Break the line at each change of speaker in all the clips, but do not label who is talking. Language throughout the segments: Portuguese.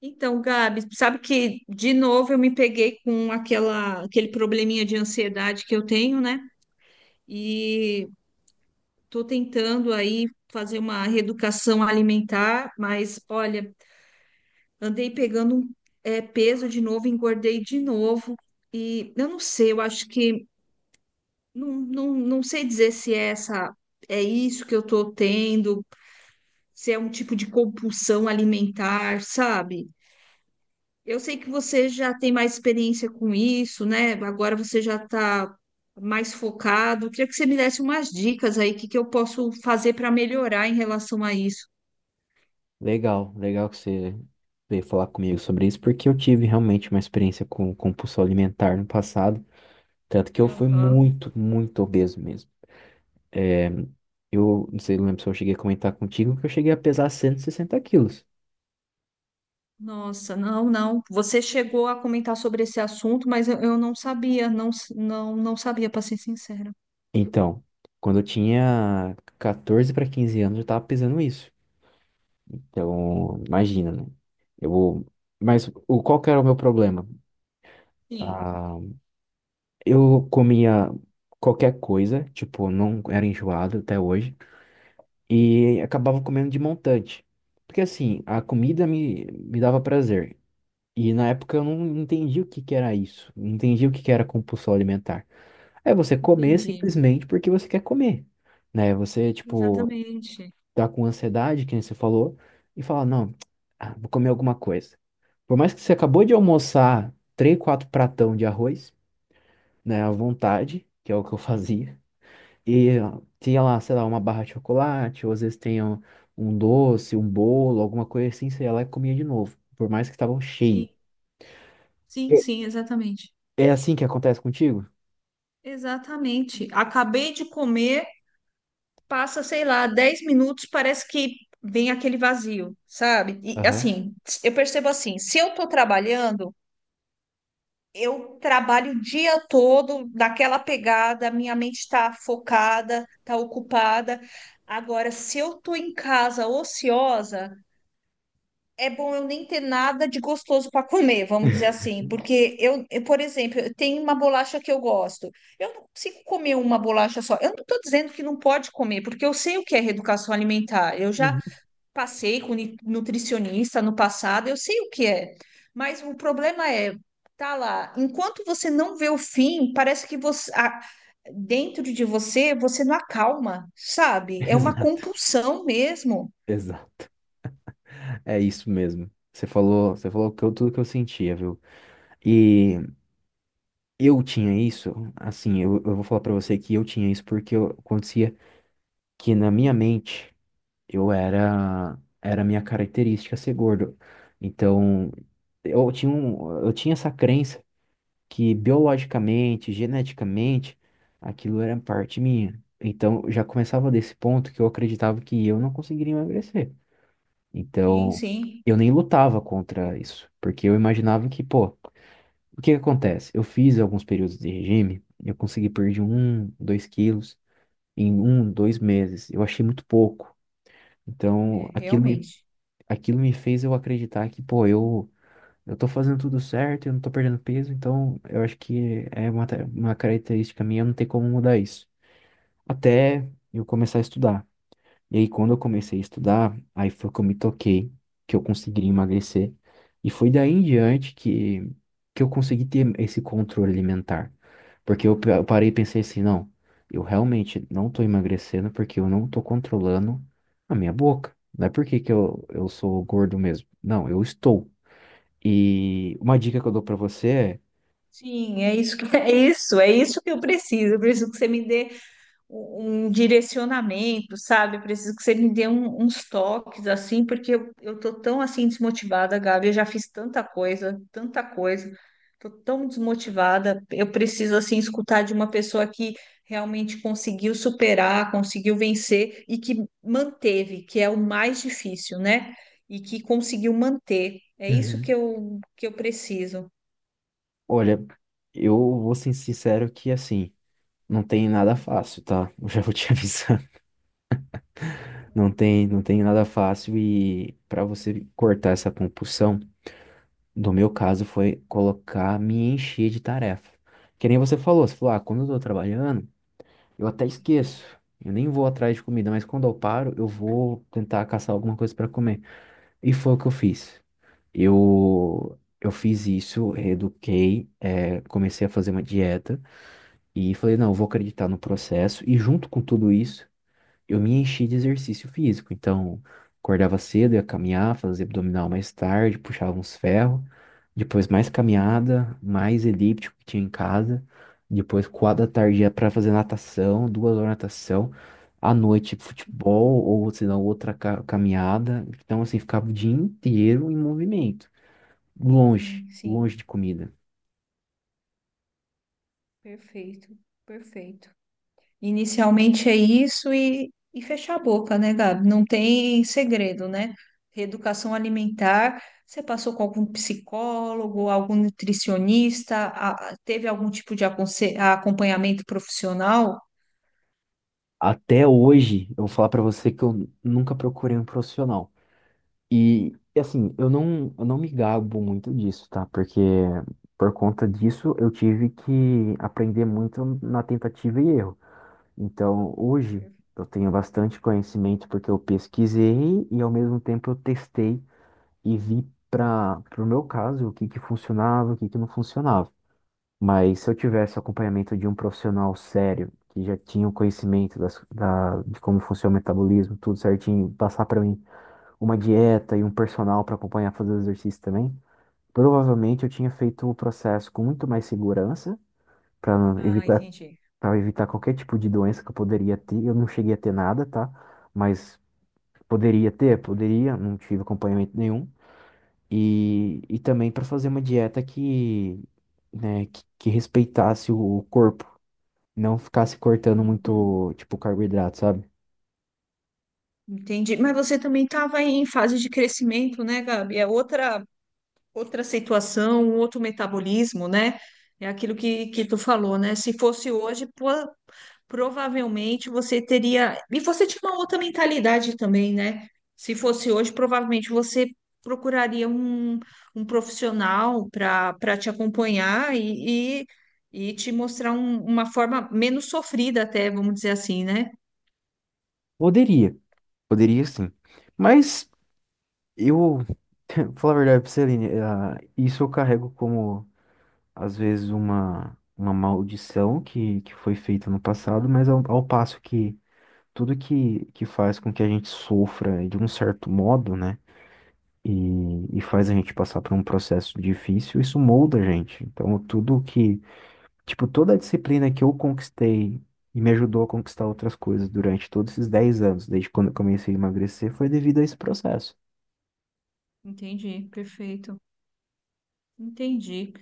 Então, Gabi, sabe que de novo eu me peguei com aquele probleminha de ansiedade que eu tenho, né? E tô tentando aí fazer uma reeducação alimentar, mas olha, andei pegando um, peso de novo, engordei de novo. E eu não sei, eu acho que não sei dizer se é isso que eu tô tendo, se é um tipo de compulsão alimentar, sabe? Eu sei que você já tem mais experiência com isso, né? Agora você já está mais focado. Queria que você me desse umas dicas aí, o que que eu posso fazer para melhorar em relação a isso.
Legal, legal que você veio falar comigo sobre isso, porque eu tive realmente uma experiência com compulsão alimentar no passado, tanto que eu fui
Aham.
muito, muito obeso mesmo. É, eu não sei, lembro se eu cheguei a comentar contigo que eu cheguei a pesar 160 quilos.
Nossa, não, não. Você chegou a comentar sobre esse assunto, mas eu não sabia, não, não sabia, para ser sincera.
Então, quando eu tinha 14 para 15 anos, eu tava pesando isso. Então, imagina, né? Eu, mas qual que era o meu problema?
Sim,
Ah, eu comia qualquer coisa, tipo, não era enjoado até hoje. E acabava comendo de montante. Porque assim, a comida me dava prazer. E na época eu não entendi o que que era isso. Não entendi o que que era compulsão alimentar. É você comer
entendi.
simplesmente porque você quer comer, né? Você, tipo,
Exatamente.
tá com ansiedade, que nem você falou, e fala, não, ah, vou comer alguma coisa. Por mais que você acabou de almoçar três, quatro pratão de arroz, né, à vontade, que é o que eu fazia, e tinha lá, sei lá, uma barra de chocolate, ou às vezes tem um doce, um bolo, alguma coisa assim, você ia lá e comia de novo, por mais que estavam
Sim,
cheio.
sim,
É.
sim, exatamente.
É assim que acontece contigo?
Exatamente. Acabei de comer. Passa, sei lá, 10 minutos, parece que vem aquele vazio, sabe? E
Aham. Uhum.
assim, eu percebo assim, se eu tô trabalhando, eu trabalho o dia todo naquela pegada, minha mente tá focada, tá ocupada. Agora, se eu tô em casa ociosa, é bom eu nem ter nada de gostoso para comer, vamos dizer assim, porque por exemplo, eu tenho uma bolacha que eu gosto. Eu não consigo comer uma bolacha só. Eu não estou dizendo que não pode comer, porque eu sei o que é reeducação alimentar. Eu já passei com nutricionista no passado, eu sei o que é. Mas o problema é, tá lá, enquanto você não vê o fim, parece que você, dentro de você, você não acalma, sabe? É uma
Exato,
compulsão mesmo.
exato. É isso mesmo. Você falou que eu, tudo que eu sentia, viu? E eu tinha isso, assim, eu vou falar pra você que eu tinha isso porque eu acontecia que na minha mente eu era a minha característica ser gordo. Então, eu tinha um, eu tinha essa crença que biologicamente, geneticamente, aquilo era parte minha. Então, já começava desse ponto que eu acreditava que eu não conseguiria emagrecer.
Sim,
Então,
sim,
eu nem lutava contra isso, porque eu imaginava que, pô, o que que acontece? Eu fiz alguns períodos de regime, eu consegui perder um, dois quilos em um, dois meses. Eu achei muito pouco.
é,
Então, aquilo me,
realmente.
aquilo me fez eu acreditar que, pô, eu tô fazendo tudo certo, eu não tô perdendo peso, então eu acho que é uma, uma característica minha, não tem como mudar isso. Até eu começar a estudar. E aí, quando eu comecei a estudar, aí foi que eu me toquei, que eu consegui emagrecer. E foi daí em diante que eu consegui ter esse controle alimentar. Porque eu parei e pensei assim, não, eu realmente não tô emagrecendo porque eu não tô controlando a minha boca. Não é porque que eu sou gordo mesmo. Não, eu estou. E uma dica que eu dou pra você
Sim, é isso que é isso que eu preciso. Eu preciso que você me dê um direcionamento, sabe? Eu preciso que você me dê uns toques assim, porque eu tô tão assim desmotivada, Gabi. Eu já fiz tanta coisa, tanta coisa. Tô tão desmotivada. Eu preciso assim escutar de uma pessoa que realmente conseguiu superar, conseguiu vencer e que manteve, que é o mais difícil, né? E que conseguiu manter. É
é.
isso
Uhum.
que eu preciso.
Olha, eu vou ser sincero que assim, não tem nada fácil, tá? Eu já vou te avisar. Não tem nada fácil e pra você cortar essa compulsão, no meu caso foi colocar, me encher de tarefa. Que nem você falou, você falou, ah, quando eu tô trabalhando, eu até esqueço. Eu nem vou atrás de comida, mas quando eu paro, eu vou tentar caçar alguma coisa pra comer. E foi o que eu fiz. Eu fiz isso, reeduquei, comecei a fazer uma dieta e falei, não, eu vou acreditar no processo. E junto com tudo isso, eu me enchi de exercício físico. Então, acordava cedo, ia caminhar, fazia abdominal mais tarde, puxava uns ferros. Depois mais caminhada, mais elíptico que tinha em casa. Depois, quatro da tarde, ia para fazer natação, 2 horas de natação. À noite, futebol ou, se não, outra caminhada. Então, assim, ficava o dia inteiro em movimento. Longe,
Sim, sim.
longe de comida.
Perfeito, perfeito. Inicialmente é isso e fechar a boca, né, Gabi? Não tem segredo, né? Reeducação alimentar, você passou com algum psicólogo, algum nutricionista, teve algum tipo de acompanhamento profissional?
Até hoje, eu vou falar pra você que eu nunca procurei um profissional. E assim, eu não me gabo muito disso, tá? Porque por conta disso, eu tive que aprender muito na tentativa e erro. Então, hoje,
Per-
eu tenho bastante conhecimento porque eu pesquisei e, ao mesmo tempo, eu testei e vi para o meu caso o que que funcionava, o que que não funcionava. Mas se eu tivesse o acompanhamento de um profissional sério, que já tinha o conhecimento de como funciona o metabolismo, tudo certinho, passar para mim uma dieta e um personal para acompanhar fazer o exercício também, provavelmente eu tinha feito o processo com muito mais segurança para
Ah,
evitar,
entendi.
para evitar qualquer tipo de doença que eu poderia ter. Eu não cheguei a ter nada, tá? Mas poderia ter, poderia, não tive acompanhamento nenhum. E também para fazer uma dieta que, né, que respeitasse o corpo. Não ficasse cortando
Uhum,
muito, tipo, carboidrato, sabe?
entendi. Mas você também estava em fase de crescimento, né, Gabi? Outra situação, um outro metabolismo, né? É aquilo que tu falou, né? Se fosse hoje, pô, provavelmente você teria. E você tinha uma outra mentalidade também, né? Se fosse hoje, provavelmente você procuraria um profissional para te acompanhar e te mostrar uma forma menos sofrida, até, vamos dizer assim, né?
Poderia, poderia sim. Mas eu, falar a verdade pra você, Aline, ah, isso eu carrego como, às vezes, uma maldição que foi feita no passado, mas ao passo que tudo que faz com que a gente sofra de um certo modo, né? E faz a gente passar por um processo difícil, isso molda a gente. Então, tudo que tipo, toda a disciplina que eu conquistei e me ajudou a conquistar outras coisas durante todos esses 10 anos, desde quando eu comecei a emagrecer, foi devido a esse processo.
Entendi, perfeito. Entendi.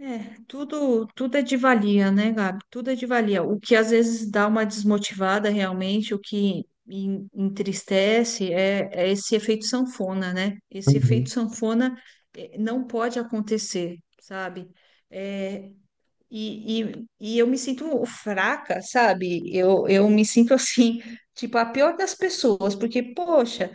É, tudo é de valia, né, Gabi? Tudo é de valia. O que às vezes dá uma desmotivada realmente, o que entristece é, é esse efeito sanfona, né? Esse efeito
Uhum,
sanfona não pode acontecer, sabe? É, e eu me sinto fraca, sabe? Eu me sinto assim, tipo, a pior das pessoas, porque, poxa.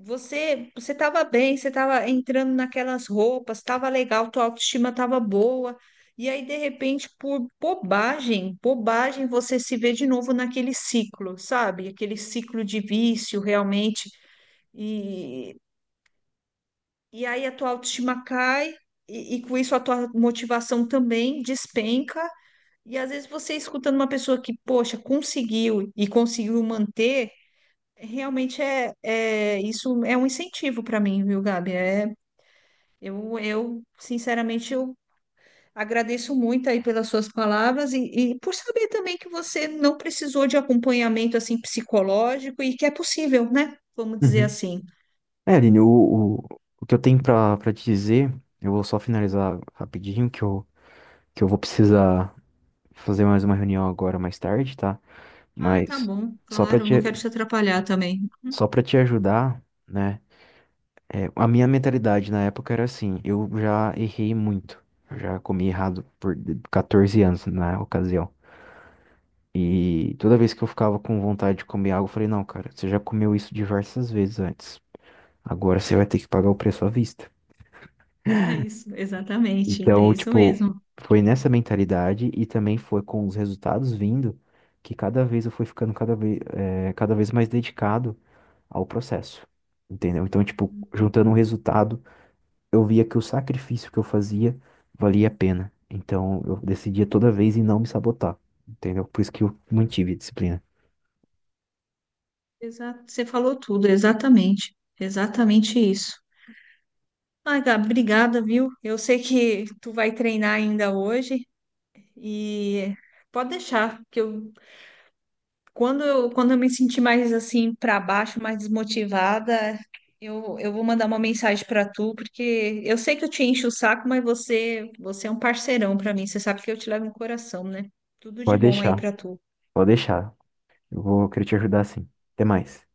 Você estava bem, você estava entrando naquelas roupas, estava legal, tua autoestima estava boa. E aí, de repente, por bobagem, bobagem, você se vê de novo naquele ciclo, sabe? Aquele ciclo de vício, realmente. E, e aí a tua autoestima cai, e com isso a tua motivação também despenca. E às vezes você escutando uma pessoa que, poxa, conseguiu e conseguiu manter. Realmente é, é isso é um incentivo para mim, viu, Gabi? Eu, sinceramente, eu agradeço muito aí pelas suas palavras e por saber também que você não precisou de acompanhamento assim psicológico e que é possível, né? Vamos dizer
uhum.
assim.
É, Aline, o que eu tenho pra te dizer, eu vou só finalizar rapidinho, que eu vou precisar fazer mais uma reunião agora mais tarde, tá?
Ah, tá
Mas
bom,
só pra
claro,
te,
não quero te atrapalhar também.
só para te ajudar, né? É, a minha mentalidade na época era assim, eu já errei muito, eu já comi errado por 14 anos na ocasião. E toda vez que eu ficava com vontade de comer algo, eu falei, não, cara, você já comeu isso diversas vezes antes. Agora você vai ter que pagar o preço à vista.
É isso, exatamente, é
Então,
isso
tipo,
mesmo.
foi nessa mentalidade e também foi com os resultados vindo que cada vez eu fui ficando cada vez mais dedicado ao processo. Entendeu? Então, tipo, juntando o resultado, eu via que o sacrifício que eu fazia valia a pena. Então, eu decidia toda vez em não me sabotar. Entendeu? Por isso que eu mantive a disciplina.
Exato, você falou tudo, exatamente, exatamente isso. Ah, Gabi, obrigada, viu? Eu sei que tu vai treinar ainda hoje e pode deixar. Que eu Quando eu, quando eu me sentir mais assim para baixo, mais desmotivada, eu vou mandar uma mensagem para tu, porque eu sei que eu te encho o saco, mas você é um parceirão para mim. Você sabe que eu te levo no coração, né? Tudo de
Pode
bom aí
deixar,
para tu.
pode deixar. Eu vou querer te ajudar sim. Até mais.